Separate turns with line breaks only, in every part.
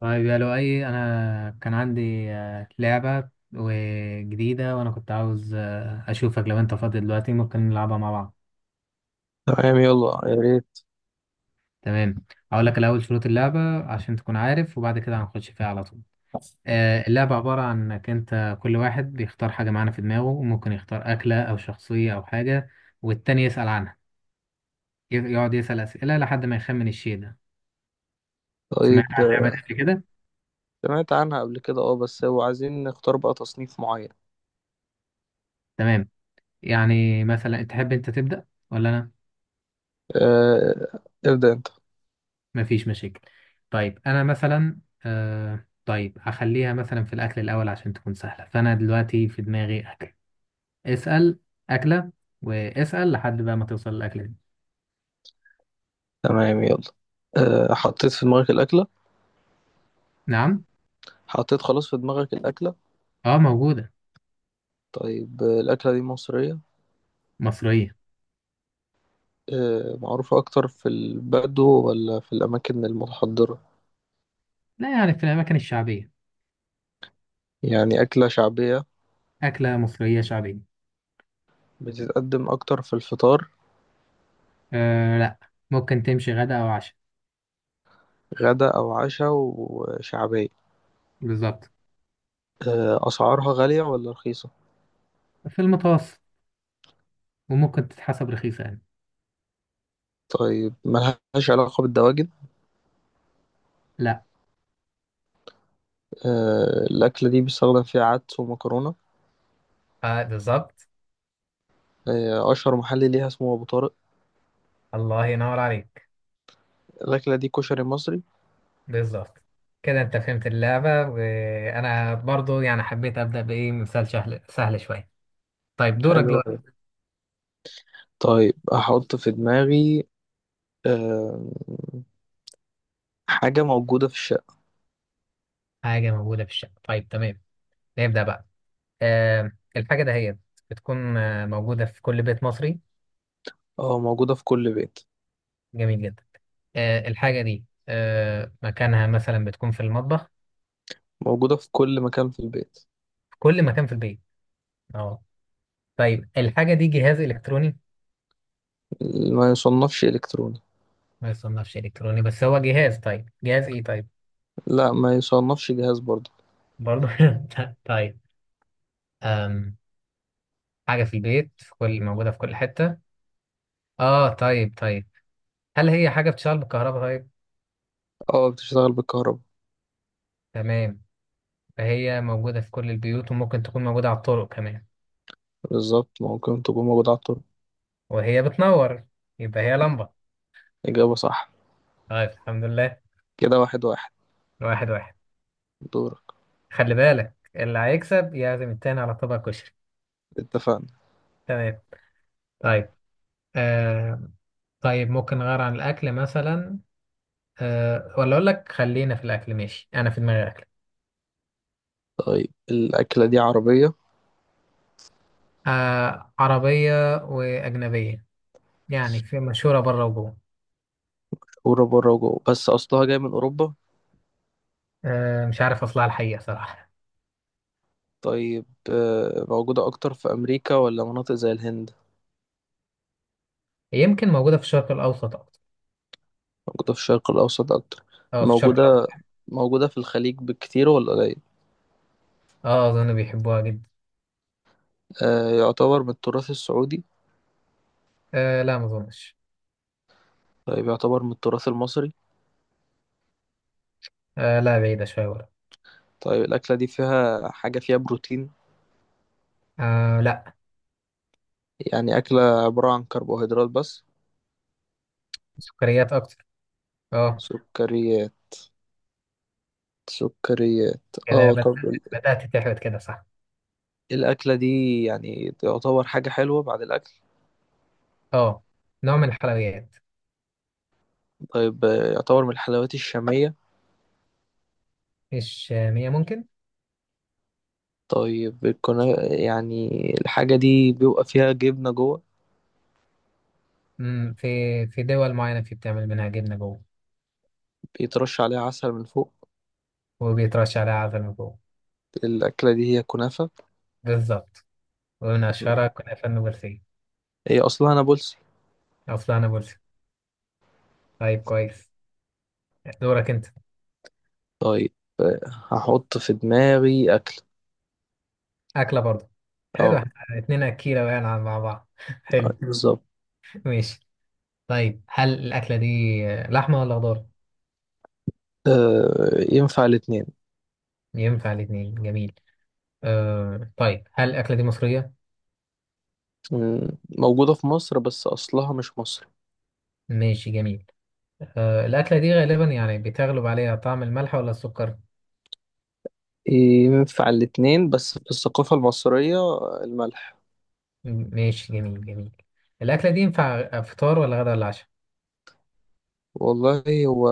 طيب يا لؤي، انا كان عندي لعبة وجديدة، وانا كنت عاوز اشوفك. لو انت فاضي دلوقتي ممكن نلعبها مع بعض.
تمام، يلا يا ريت.
تمام. هقول لك الاول شروط اللعبة عشان تكون عارف، وبعد كده هنخش فيها على طول. اللعبة عبارة عن انك انت كل واحد بيختار حاجة معانا في دماغه، وممكن يختار اكلة او شخصية او حاجة، والتاني يسأل عنها. يقعد يسأل اسئلة لحد ما يخمن الشيء ده. سمعت
طيب،
عن اللعبة دي قبل كده؟
سمعت عنها قبل كده. اه بس هو عايزين نختار بقى تصنيف معين.
تمام. يعني مثلا تحب انت تبدأ ولا انا؟
آه، ابدأ انت.
مفيش مشاكل. طيب انا مثلا، طيب هخليها مثلا في الاكل الاول عشان تكون سهله، فانا دلوقتي في دماغي اكل. اسال. اكله. واسال لحد بقى ما توصل الاكله دي.
تمام، يلا. حطيت في دماغك الأكلة؟
نعم.
حطيت خلاص في دماغك الأكلة؟
اه، موجوده.
طيب، الأكلة دي مصرية؟
مصريه.
معروفة أكتر في البدو ولا في الأماكن المتحضرة؟
لا، يعني في الاماكن الشعبيه.
يعني أكلة شعبية.
اكله مصريه شعبيه.
بتتقدم أكتر في الفطار؟
لا، ممكن تمشي غدا او عشاء.
غدا أو عشاء وشعبية.
بالظبط.
أسعارها غالية ولا رخيصة؟
في المتوسط، وممكن تتحسب رخيصه يعني.
طيب، ملهاش علاقة بالدواجن؟
لا.
الأكلة دي بيستخدم فيها عدس ومكرونة.
بالظبط.
أشهر محل ليها اسمه أبو طارق.
الله ينور عليك.
الأكلة دي كشري مصري.
بالظبط. كده انت فهمت اللعبة، وانا برضو يعني حبيت ابدأ بايه مثال سهل سهل شوية. طيب دورك
حلو
دلوقتي.
أوي. طيب، أحط في دماغي آه، حاجة موجودة في الشقة.
حاجة موجودة في الشقة؟ طيب تمام، نبدأ بقى. آه الحاجة دهيت بتكون موجودة في كل بيت مصري؟
أه، موجودة في كل بيت.
جميل جدا. الحاجة دي مكانها مثلا بتكون في المطبخ؟
موجودة في كل مكان في البيت.
في كل مكان في البيت. اه، طيب. الحاجة دي جهاز إلكتروني؟
ما يصنفش إلكتروني.
ما يصنفش إلكتروني بس هو جهاز. طيب جهاز ايه طيب؟
لا، ما يصنفش جهاز برضه.
برضو. طيب، آم، حاجة في البيت في كل موجودة في كل حتة. اه طيب طيب. هل هي حاجة بتشتغل بالكهرباء طيب؟
أه، بتشتغل بالكهرباء.
تمام. فهي موجودة في كل البيوت، وممكن تكون موجودة على الطرق كمان،
بالظبط، ممكن تكون موجودة على الطرق.
وهي بتنور. يبقى هي لمبة.
إجابة صح.
طيب الحمد لله.
كده واحد واحد.
واحد واحد.
دورك.
خلي بالك اللي هيكسب يعزم التاني على طبق كشري.
اتفقنا.
تمام. طيب. آه طيب ممكن نغير عن الأكل مثلا، ولا أقول لك خلينا في الأكل؟ ماشي، أنا في دماغي أكل.
طيب، الأكلة دي عربية.
عربية وأجنبية، يعني في، مشهورة بره وجوه.
ورا بره وجوه، بس أصلها جاي من أوروبا.
مش عارف أصلها الحقيقة صراحة.
طيب، موجودة أكتر في أمريكا ولا مناطق زي الهند؟
يمكن موجودة في الشرق الأوسط أكتر.
موجودة في الشرق الأوسط أكتر.
أه، في الشرق الأوسط.
موجودة. موجودة في الخليج بالكتير ولا قليل؟
أه، أظن بيحبوها جدا.
يعتبر من التراث السعودي؟
أه لا، ما أظنش.
طيب، يعتبر من التراث المصري؟
أه لا، بعيدة شوية ورا.
طيب، الأكلة دي فيها حاجة فيها بروتين؟
أه لا.
يعني أكلة عبارة عن كربوهيدرات بس.
سكريات أكتر. أه.
سكريات. سكريات.
كده
اه طب
بدأت تحبط كده صح؟
الأكلة دي يعني تعتبر حاجة حلوة بعد الأكل.
أه، نوع من الحلويات.
طيب، يعتبر من الحلويات الشامية؟
مش مية ممكن.
طيب كنا يعني. الحاجة دي بيبقى فيها جبنة جوه.
مم، في في دول معينة في بتعمل منها جبنة جوه.
بيترش عليها عسل من فوق.
وبيترش عليها عسل من جوه.
الأكلة دي هي كنافة.
بالظبط. ومن أشهرها كنافة النابلسية.
هي أصلها نابلسي.
أو فلانة نابلسي. طيب كويس. دورك أنت.
طيب، هحط في دماغي أكل.
أكلة برضه؟ حلو،
اه.
احنا اتنين أكيلة بقى مع بعض. حلو.
بالظبط.
ماشي. طيب هل الأكلة دي لحمة ولا خضار؟
ينفع الاتنين.
ينفع الاتنين، جميل. طيب هل الأكلة دي مصرية؟
مم، موجودة في مصر بس أصلها مش مصري.
ماشي جميل. الأكلة دي غالبا يعني بتغلب عليها طعم الملح ولا السكر؟
ينفع الاتنين، بس في الثقافة المصرية الملح.
ماشي جميل جميل. الأكلة دي ينفع فطار ولا غدا ولا عشاء؟
والله هو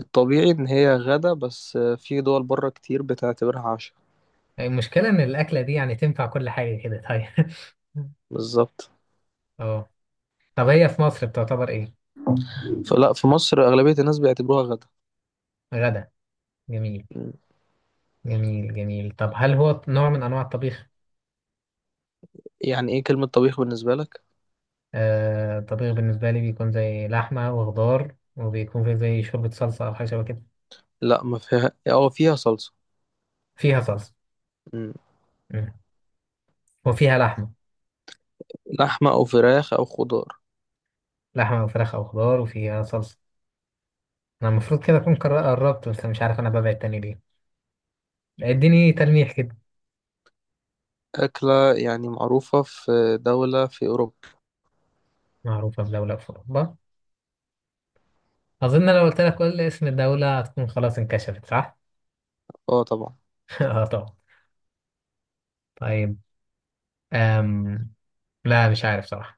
الطبيعي إن هي غدا، بس في دول بره كتير بتعتبرها عشاء.
المشكلة إن الأكلة دي يعني تنفع كل حاجة كده، طيب.
بالظبط.
اه، طب هي في مصر بتعتبر إيه؟
فلا، في مصر أغلبية الناس بيعتبروها غدا.
غدا. جميل
مم.
جميل جميل. طب هل هو نوع من أنواع الطبيخ؟
يعني إيه كلمة طبيخ بالنسبة لك؟
الطبيخ بالنسبة لي بيكون زي لحمة وخضار، وبيكون فيه زي شوربة صلصة أو حاجة شبه كده.
لا، ما فيها أو فيها صلصة.
فيها صلصة.
مم.
مم. وفيها لحمة.
لحمة أو فراخ أو خضار.
لحمة وفراخ أو خضار وفيها صلصة. أنا المفروض كده أكون قربت، بس مش عارف أنا ببعد تاني ليه. اديني تلميح كده.
أكلة يعني معروفة في دولة في أوروبا.
معروفة بدولة في أوروبا؟ أظن لو قلت لك قول لي اسم الدولة هتكون خلاص انكشفت صح؟
أه طبعا.
اه طبعا. طيب، أم... لا مش عارف صراحة.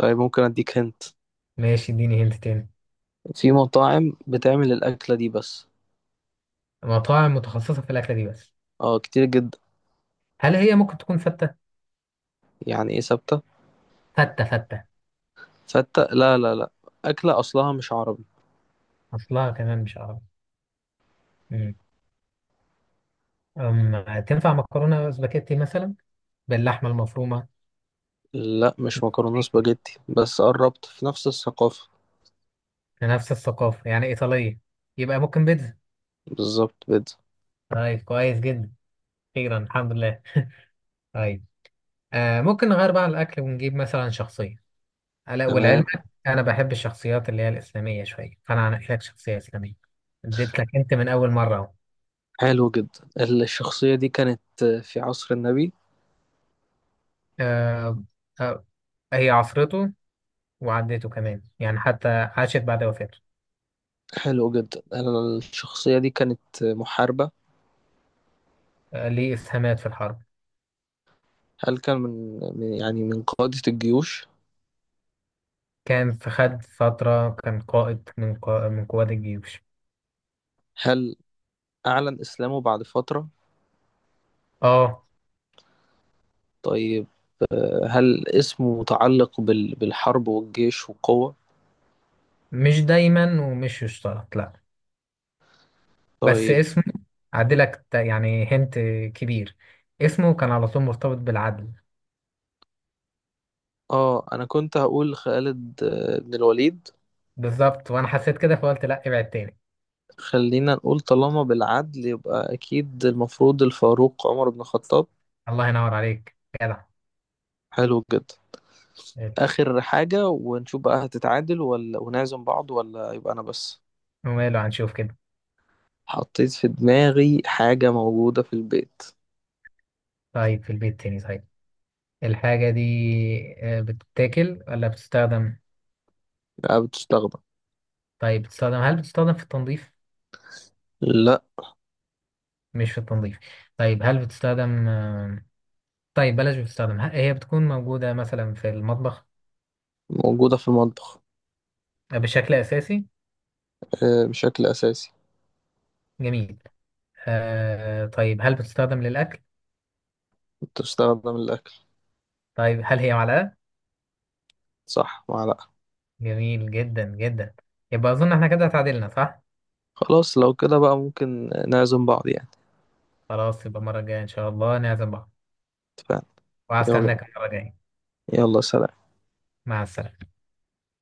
طيب، ممكن أديك هنت.
ماشي، اديني هنت تاني.
في مطاعم بتعمل الأكلة دي بس.
مطاعم متخصصة في الأكلة دي بس؟
أه، كتير جدا.
هل هي ممكن تكون فتة؟
يعني إيه ثابتة؟
فتة فتة.
فتة، لا لا لا. أكلة أصلها مش عربي.
أصلها كمان مش عربي. مم. تنفع مكرونة سباكيتي مثلا باللحمة المفرومة؟
لا، مش مكرونة سباجيتي، بس قربت في نفس الثقافة.
نفس الثقافة يعني إيطالية. يبقى ممكن بيتزا؟
بالظبط، بيتزا.
طيب كويس جدا. أخيرا الحمد لله. طيب، ممكن نغير بقى الأكل ونجيب مثلا شخصية. ألا والعلم.
تمام.
أنا بحب الشخصيات اللي هي الإسلامية شوية، فأنا هنقي لك شخصية إسلامية. اديت لك أنت من أول مرة أهو.
حلو جدا. الشخصية دي كانت في عصر النبي.
آه. آه. هي عصرته وعدته كمان، يعني حتى عاشت بعد وفاته.
حلو جدا. الشخصية دي كانت محاربة.
ليه إسهامات في الحرب.
هل كان يعني من قادة الجيوش؟
كان في خد فترة، كان قائد من قوات الجيوش.
هل أعلن إسلامه بعد فترة؟
اه،
طيب، هل اسمه متعلق بالحرب والجيش والقوة؟
مش دايما ومش يشترط لا. بس
طيب،
اسمه عدلك، يعني هنت كبير. اسمه كان على طول مرتبط بالعدل.
أنا كنت هقول خالد بن الوليد.
بالظبط، وانا حسيت كده فقلت لا، ابعد تاني.
خلينا نقول طالما بالعدل يبقى أكيد المفروض الفاروق عمر بن الخطاب.
الله ينور عليك. جدع.
حلو جدا. آخر حاجة ونشوف بقى هتتعادل ولا ونعزم بعض ولا يبقى أنا بس.
وماله، هنشوف كده.
حطيت في دماغي حاجة موجودة في البيت.
طيب، في البيت تاني طيب. الحاجة دي بتتاكل ولا بتستخدم؟
لا، بتستخدم.
طيب بتستخدم. هل بتستخدم في التنظيف؟
لا.
مش في التنظيف. طيب هل بتستخدم طيب بلاش. بتستخدم هي بتكون موجودة مثلا في المطبخ؟
موجودة في المطبخ.
بشكل أساسي.
بشكل أساسي.
جميل. طيب هل بتستخدم للأكل؟
بتستخدم الأكل.
طيب هل هي معلقة؟
صح، معلقة.
جميل جدا جدا. يبقى أظن احنا كده تعادلنا صح؟
خلاص، لو كده بقى ممكن نعزم بعض يعني.
خلاص، يبقى المرة الجاية إن شاء الله نعزم بعض.
اتفقنا. يلا.
وهستناك المرة الجاية.
يلا، سلام.
مع السلامة.